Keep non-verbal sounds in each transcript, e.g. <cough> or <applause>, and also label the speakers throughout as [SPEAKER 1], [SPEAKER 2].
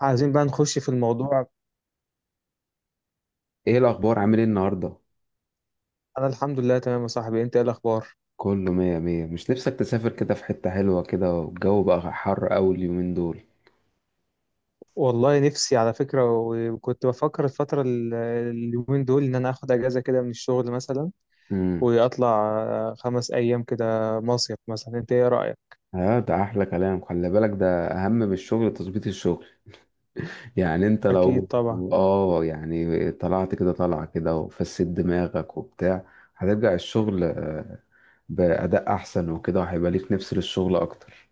[SPEAKER 1] عايزين بقى نخش في الموضوع.
[SPEAKER 2] ايه الاخبار؟ عامل ايه النهارده؟
[SPEAKER 1] انا الحمد لله تمام يا صاحبي. انت ايه الاخبار؟
[SPEAKER 2] كله مية مية. مش نفسك تسافر كده في حتة حلوة كده والجو بقى حر اوي اليومين دول؟
[SPEAKER 1] والله نفسي على فكره. وكنت بفكر الفتره اليومين دول، ان انا اخد اجازه كده من الشغل مثلا،
[SPEAKER 2] امم.
[SPEAKER 1] واطلع 5 ايام كده، مصيف مثلا. انت ايه رايك؟
[SPEAKER 2] اه، ده احلى كلام. خلي بالك ده اهم من الشغل تظبيط الشغل. يعني انت
[SPEAKER 1] اكيد
[SPEAKER 2] لو.
[SPEAKER 1] طبعا.
[SPEAKER 2] اه، يعني طلعت كده طلعة كده وفسد دماغك وبتاع. هترجع الشغل بأداء احسن وكده وهيبقى ليك نفس للشغل اكتر.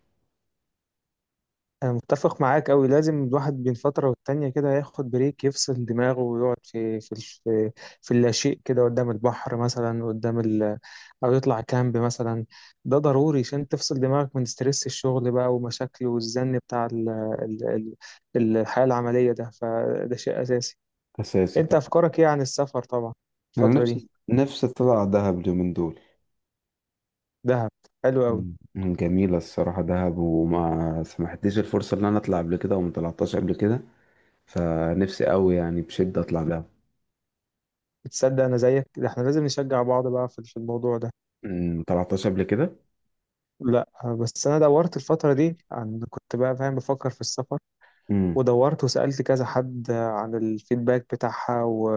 [SPEAKER 1] أنا متفق معاك أوي، لازم الواحد بين فترة والتانية كده ياخد بريك، يفصل دماغه ويقعد في اللاشيء كده قدام البحر مثلا، قدام ال أو يطلع كامب مثلا. ده ضروري عشان تفصل دماغك من ستريس الشغل بقى ومشاكل والزن بتاع ال ال ال الحياة العملية، ده فده شيء أساسي.
[SPEAKER 2] اساسي
[SPEAKER 1] أنت
[SPEAKER 2] طبعا.
[SPEAKER 1] أفكارك إيه عن السفر طبعا
[SPEAKER 2] انا
[SPEAKER 1] الفترة دي؟
[SPEAKER 2] نفسي نفسي اطلع دهب اليومين دول.
[SPEAKER 1] دهب، حلو أوي.
[SPEAKER 2] مم. جميلة الصراحة دهب، وما سمحتليش الفرصة إن أنا أطلع قبل كده وما طلعتهاش قبل كده. فنفسي أوي يعني بشدة أطلع دهب.
[SPEAKER 1] بتصدق أنا زيك، ده إحنا لازم نشجع بعض بقى في الموضوع ده.
[SPEAKER 2] مم، ما طلعتهاش قبل كده.
[SPEAKER 1] لا، بس انا دورت الفتره دي، عن كنت بقى فاهم بفكر في السفر، ودورت وسالت كذا حد عن الفيدباك بتاعها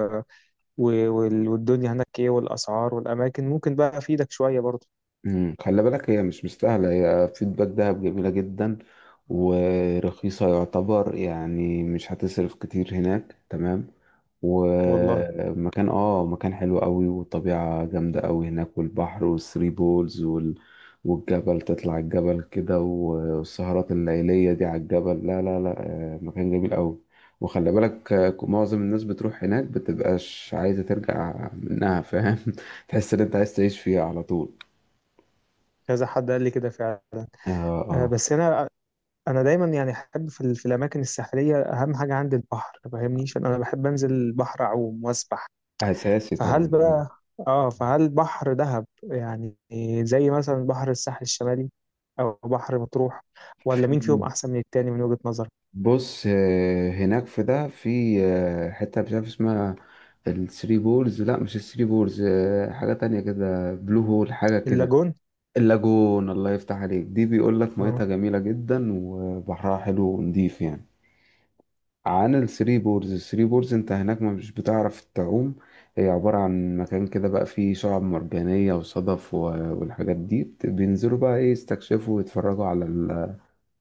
[SPEAKER 1] و... والدنيا هناك ايه والاسعار والاماكن، ممكن بقى افيدك شويه برضه.
[SPEAKER 2] مم. خلي بالك، هي مش مستاهلة. هي فيدباك دهب جميلة جدا ورخيصة يعتبر، يعني مش هتصرف كتير هناك، تمام.
[SPEAKER 1] والله،
[SPEAKER 2] ومكان اه مكان حلو قوي، والطبيعة جامدة قوي هناك، والبحر والثري بولز والجبل، تطلع الجبل كده، والسهرات الليلية دي على الجبل، لا لا لا. مكان جميل قوي. وخلي بالك، معظم الناس بتروح هناك بتبقاش عايزة ترجع منها، فاهم؟ <laughs> تحس ان انت عايز تعيش فيها على طول.
[SPEAKER 1] كذا حد قال لي كده فعلا.
[SPEAKER 2] اه، اه.
[SPEAKER 1] بس انا دايما يعني احب في الاماكن الساحليه، اهم حاجه عندي البحر، ما فاهمنيش، انا بحب انزل البحر اعوم واسبح.
[SPEAKER 2] اساسي
[SPEAKER 1] فهل
[SPEAKER 2] طبعا، اه.
[SPEAKER 1] بقى، اه فهل بحر دهب يعني زي مثلا بحر الساحل الشمالي او بحر مطروح؟ ولا مين فيهم
[SPEAKER 2] في
[SPEAKER 1] احسن من التاني من وجهة نظرك؟
[SPEAKER 2] بص، هناك في ده في آه، حته مش عارف اسمها. الثري بولز، لا، مش الثري بولز، حاجه تانية كده، بلو هول، حاجه كده.
[SPEAKER 1] اللاجون.
[SPEAKER 2] اللاجون، الله يفتح عليك، دي بيقول لك
[SPEAKER 1] اه.
[SPEAKER 2] ميتها جميله جدا وبحرها حلو ونضيف يعني. عن الثري بولز، الثري بولز انت هناك ما مش بتعرف تعوم. هي عباره عن مكان كده بقى فيه شعاب مرجانيه وصدف والحاجات دي بينزلوا بقى ايه، يستكشفوا ويتفرجوا على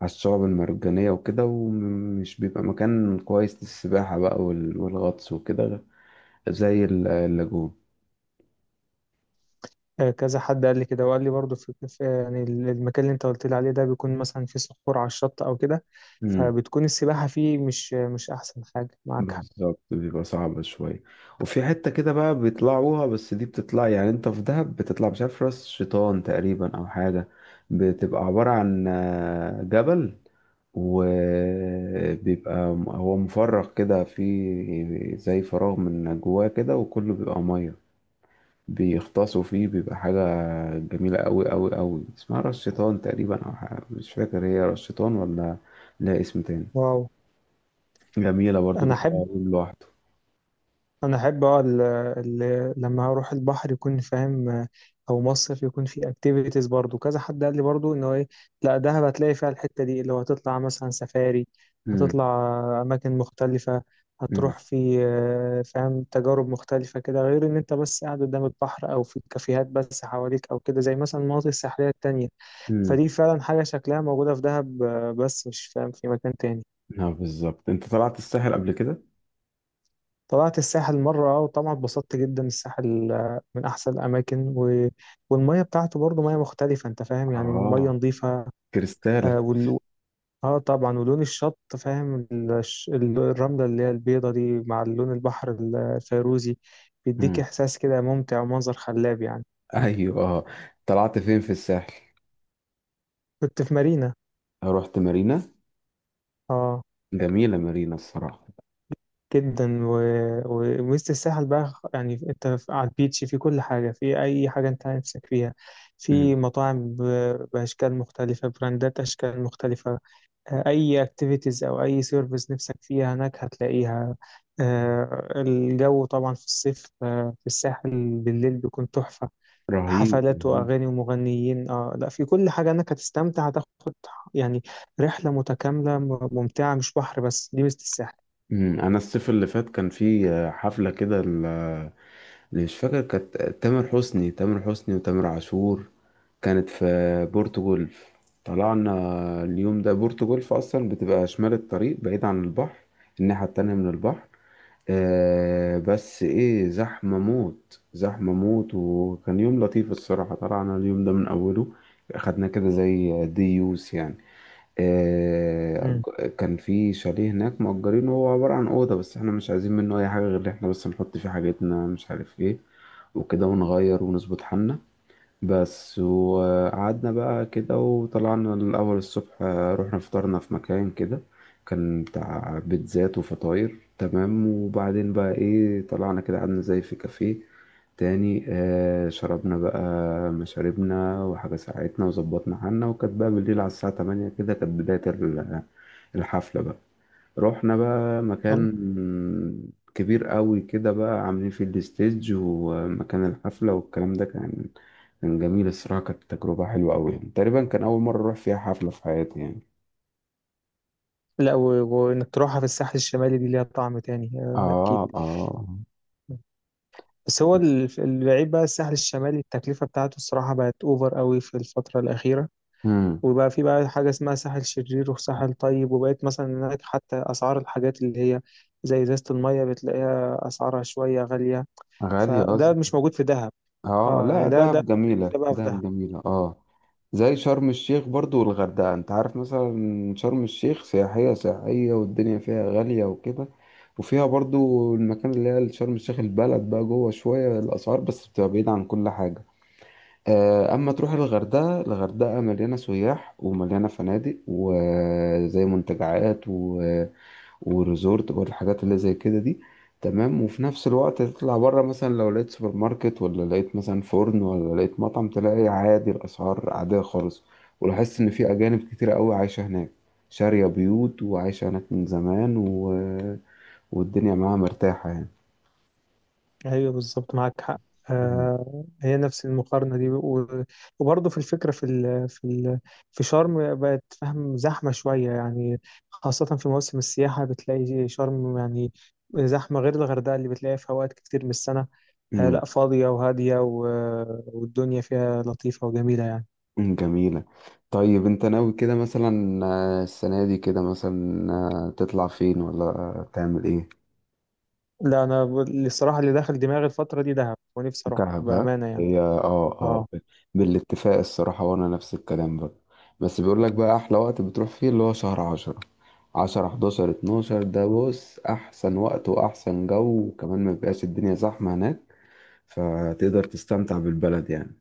[SPEAKER 2] على الشعب المرجانية وكده، ومش بيبقى مكان كويس للسباحة بقى والغطس وكده، زي اللاجون.
[SPEAKER 1] كذا حد قال لي كده، وقال لي برضو يعني المكان اللي انت قلت لي عليه ده بيكون مثلا فيه صخور على الشط او كده،
[SPEAKER 2] مم.
[SPEAKER 1] فبتكون السباحة فيه مش احسن حاجة، معاك حق.
[SPEAKER 2] بالظبط، بيبقى صعب شوية. وفي حتة كده بقى بيطلعوها، بس دي بتطلع، يعني انت في دهب بتطلع، مش عارف، راس شيطان تقريبا او حاجة. بتبقى عبارة عن جبل. وبيبقى هو مفرغ كده، في زي فراغ من جواه كده وكله بيبقى مية، بيغطسوا فيه. بيبقى حاجة جميلة أوي أوي أوي، اسمها راس شيطان تقريبا أو حاجة. مش فاكر هي راس شيطان ولا لها اسم تاني.
[SPEAKER 1] واو.
[SPEAKER 2] جميلة برضو،
[SPEAKER 1] انا
[SPEAKER 2] بيطلع
[SPEAKER 1] احب
[SPEAKER 2] يوم لوحده.
[SPEAKER 1] انا احب اه ال- ال- لما اروح البحر يكون فاهم، او مصيف، يكون في اكتيفيتيز. برضو كذا حد قال لي برضو انه ايه، لا دهب هتلاقي فيها الحته دي اللي هو هتطلع مثلا سفاري،
[SPEAKER 2] مم.
[SPEAKER 1] هتطلع اماكن مختلفه،
[SPEAKER 2] مم.
[SPEAKER 1] هتروح في فاهم تجارب مختلفه كده، غير ان انت بس قاعد قدام البحر او في كافيهات بس حواليك او كده، زي مثلا المناطق الساحليه التانية.
[SPEAKER 2] مم.
[SPEAKER 1] فدي فعلا حاجه شكلها موجوده في دهب، بس مش فاهم في مكان تاني.
[SPEAKER 2] اه، بالظبط. انت طلعت الساحل قبل كده؟
[SPEAKER 1] طلعت الساحل مرة، وطبعا اتبسطت جدا. الساحل من أحسن الأماكن، والمية بتاعته برضه مية مختلفة، أنت فاهم يعني مية
[SPEAKER 2] اه،
[SPEAKER 1] نظيفة.
[SPEAKER 2] كريستالة.
[SPEAKER 1] آه, وال... آه طبعا، ولون الشط فاهم الرملة اللي هي البيضة دي مع لون البحر الفيروزي، بيديك
[SPEAKER 2] مم.
[SPEAKER 1] إحساس كده ممتع ومنظر خلاب يعني.
[SPEAKER 2] ايوه، اه. طلعت فين في الساحل؟
[SPEAKER 1] كنت في مارينا.
[SPEAKER 2] رحت مارينا.
[SPEAKER 1] آه،
[SPEAKER 2] جميلة مارينا الصراحة.
[SPEAKER 1] جدا، ووسط الساحل بقى يعني، انت على البيتش، في كل حاجة، في أي حاجة انت نفسك فيها،
[SPEAKER 2] مم.
[SPEAKER 1] في مطاعم بأشكال مختلفة، براندات أشكال مختلفة. أي اكتيفيتيز أو أي سيرفيس نفسك فيها هناك هتلاقيها. الجو طبعا في الصيف في الساحل بالليل بيكون تحفة.
[SPEAKER 2] رهيب
[SPEAKER 1] حفلات
[SPEAKER 2] رهيب.
[SPEAKER 1] وأغاني ومغنيين، اه لا، في كل حاجة. انك هتستمتع، هتاخد يعني رحلة متكاملة ممتعة، مش بحر بس، دي ميزة الساحل.
[SPEAKER 2] مم. انا الصيف اللي فات كان في حفلة كده، مش فاكر، كانت تامر حسني وتامر عاشور. كانت في بورتو جولف. طلعنا اليوم ده. بورتو جولف اصلا بتبقى شمال الطريق، بعيد عن البحر، الناحية التانية من البحر. آه، بس ايه، زحمة موت زحمة موت، وكان يوم لطيف الصراحة. طلعنا اليوم ده من اوله، خدنا كده زي ديوس يعني. آه، كان في شاليه هناك مأجرينه، هو عبارة عن أوضة، بس احنا مش عايزين منه أي حاجة غير إن احنا بس نحط فيه حاجتنا، مش عارف ايه، وكده، ونغير ونظبط حالنا بس. وقعدنا بقى كده، وطلعنا الأول الصبح، رحنا فطرنا في مكان كده كان بتاع بيتزات وفطاير، تمام. وبعدين بقى ايه، طلعنا كده، قعدنا زي في كافيه تاني، شربنا بقى مشاربنا وحاجة ساعتنا وظبطنا حالنا، وكانت بقى بالليل على الساعة 8 كده كانت بداية الحفلة بقى. رحنا بقى
[SPEAKER 1] مم.
[SPEAKER 2] مكان كبير قوي كده بقى عاملين فيه الستيج ومكان الحفلة والكلام ده، كان. كان جميل الصراحة، كانت تجربة حلوة قوي، يعني تقريبا كان أول مرة أروح فيها حفلة في حياتي يعني.
[SPEAKER 1] لا، وانك تروحها في الساحل الشمالي دي ليها طعم تاني، اكيد.
[SPEAKER 2] اه، اه.
[SPEAKER 1] بس هو البعيد بقى، الساحل الشمالي التكلفة بتاعته الصراحة بقت اوفر قوي في الفترة الأخيرة.
[SPEAKER 2] امم.
[SPEAKER 1] وبقى في بقى حاجة اسمها ساحل شرير وساحل طيب، وبقيت مثلا هناك حتى أسعار الحاجات اللي هي زي إزازة المية بتلاقيها أسعارها شوية غالية.
[SPEAKER 2] غالية
[SPEAKER 1] فده
[SPEAKER 2] قصدي.
[SPEAKER 1] مش موجود في دهب.
[SPEAKER 2] اه،
[SPEAKER 1] اه
[SPEAKER 2] لا،
[SPEAKER 1] يعني ده
[SPEAKER 2] دهب جميلة
[SPEAKER 1] لسه بقى في دهب.
[SPEAKER 2] دهب جميلة، اه. زي شرم الشيخ برضو والغردقة. انت عارف مثلا شرم الشيخ سياحية سياحية، والدنيا فيها غالية وكده، وفيها برضو المكان اللي هي شرم الشيخ البلد بقى جوه شوية، الأسعار بس بتبقى بعيدة عن كل حاجة. أما تروح الغردقة، الغردقة مليانة سياح ومليانة فنادق، وزي منتجعات وريزورت برضه، الحاجات اللي زي كده دي، تمام. وفي نفس الوقت تطلع بره، مثلا لو لقيت سوبر ماركت، ولا لقيت مثلا فرن، ولا لقيت مطعم، تلاقي عادي، الأسعار عادية خالص. ولاحظت إن في أجانب كتير قوي عايشة هناك، شارية بيوت وعايشة هناك من زمان والدنيا معاها مرتاحة يعني.
[SPEAKER 1] ايوه بالظبط، معاك حق.
[SPEAKER 2] مم.
[SPEAKER 1] آه، هي نفس المقارنه دي، وبرضه في الفكره، في شرم، بقت فاهم زحمه شويه يعني. خاصه في موسم السياحه بتلاقي شرم يعني زحمه، غير الغردقه اللي بتلاقيها في اوقات كتير من السنه. آه
[SPEAKER 2] مم.
[SPEAKER 1] لا، فاضيه وهاديه، والدنيا فيها لطيفه وجميله يعني.
[SPEAKER 2] مم. جميلة. طيب، انت ناوي كده مثلا السنة دي كده، مثلا تطلع فين ولا تعمل ايه؟
[SPEAKER 1] لا، الصراحه اللي داخل دماغي الفتره دي دهب، ونفسي اروح
[SPEAKER 2] كعبة.
[SPEAKER 1] بامانه يعني.
[SPEAKER 2] هي، اه، اه.
[SPEAKER 1] اه.
[SPEAKER 2] بالاتفاق الصراحة، وانا نفس الكلام برضه. بس بيقول لك بقى احلى وقت بتروح فيه اللي هو شهر 10، 10، 11، 12 ده بص احسن وقت واحسن جو، وكمان ما بيبقاش الدنيا زحمة هناك، فتقدر تستمتع بالبلد يعني،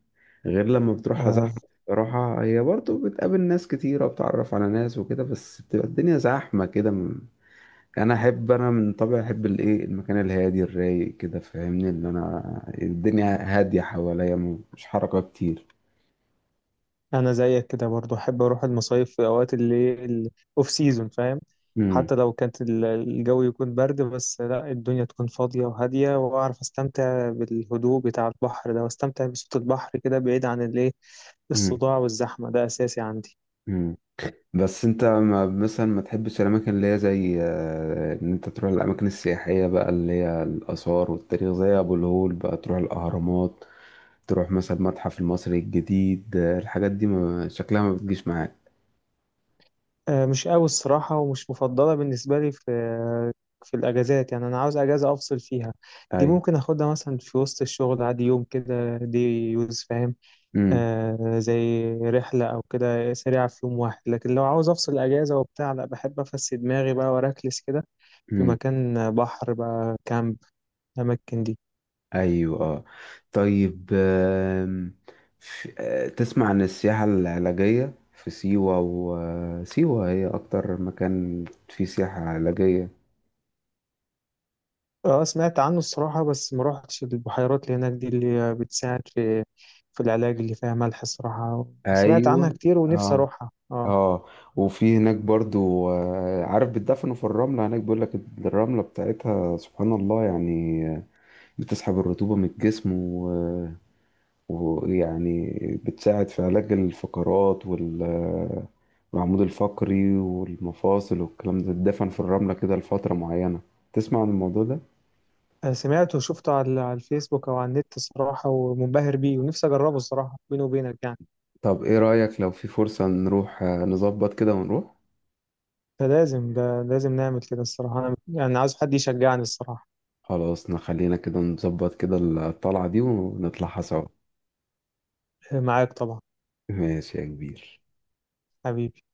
[SPEAKER 2] غير لما بتروحها زحمة.
[SPEAKER 1] آه،
[SPEAKER 2] الصراحة، هي برضه بتقابل ناس كتيرة وبتعرف على ناس وكده، بس بتبقى الدنيا زحمة كده، يعني. انا من طبعي احب الايه، المكان الهادي الرايق كده، فاهمني، اللي انا الدنيا هاديه حواليا، مش حركه كتير.
[SPEAKER 1] انا زيك كده برضو، احب اروح المصايف في اوقات اللي الاوف سيزون فاهم.
[SPEAKER 2] امم.
[SPEAKER 1] حتى لو كانت الجو يكون برد، بس لا الدنيا تكون فاضية وهادية، واعرف استمتع بالهدوء بتاع البحر ده، واستمتع بصوت البحر كده بعيد عن الايه،
[SPEAKER 2] امم.
[SPEAKER 1] الصداع والزحمة، ده اساسي عندي.
[SPEAKER 2] امم. بس انت ما مثلا ما تحبش الاماكن اللي هي زي، ان انت تروح الاماكن السياحيه بقى، اللي هي الاثار والتاريخ، زي ابو الهول بقى، تروح الاهرامات، تروح مثلا المتحف المصري الجديد، الحاجات دي ما شكلها ما بتجيش معاك.
[SPEAKER 1] مش قوي الصراحة، ومش مفضلة بالنسبة لي في الاجازات، يعني انا عاوز اجازة افصل فيها. دي
[SPEAKER 2] ايوه.
[SPEAKER 1] ممكن اخدها مثلا في وسط الشغل عادي يوم كده، دي يوز فاهم، زي رحلة أو كده سريعة في يوم واحد، لكن لو عاوز أفصل أجازة وبتاع لا، بحب أفسد دماغي بقى وأركلس كده في
[SPEAKER 2] امم.
[SPEAKER 1] مكان بحر بقى، كامب، الأماكن دي.
[SPEAKER 2] ايوه، آه. طيب، تسمع عن السياحة العلاجية في سيوة؟ وسيوة هي اكتر مكان فيه سياحة علاجية.
[SPEAKER 1] اه سمعت عنه الصراحة، بس ما روحتش البحيرات اللي هناك دي اللي بتساعد في العلاج اللي فيها ملح الصراحة. سمعت عنها
[SPEAKER 2] ايوه.
[SPEAKER 1] كتير ونفسي
[SPEAKER 2] اه.
[SPEAKER 1] أروحها، اه.
[SPEAKER 2] اه. وفي هناك برضو، عارف، بتدفنوا في الرملة هناك بيقول لك، الرملة بتاعتها سبحان الله يعني، بتسحب الرطوبة من الجسم، ويعني بتساعد في علاج الفقرات والعمود الفقري والمفاصل والكلام ده، تدفن في الرملة كده لفترة معينة. تسمع عن الموضوع ده؟
[SPEAKER 1] سمعته وشفته على الفيسبوك أو على النت الصراحة، ومنبهر بيه ونفسي أجربه الصراحة، بيني وبينك يعني.
[SPEAKER 2] طب ايه رأيك لو في فرصة نروح، نظبط كده ونروح؟
[SPEAKER 1] فلازم، ده لازم نعمل كده الصراحة. أنا يعني عايز حد يشجعني الصراحة.
[SPEAKER 2] خلاص، نخلينا كده نظبط كده الطلعة دي ونطلعها سوا.
[SPEAKER 1] معاك طبعا.
[SPEAKER 2] ماشي يا كبير.
[SPEAKER 1] حبيبي.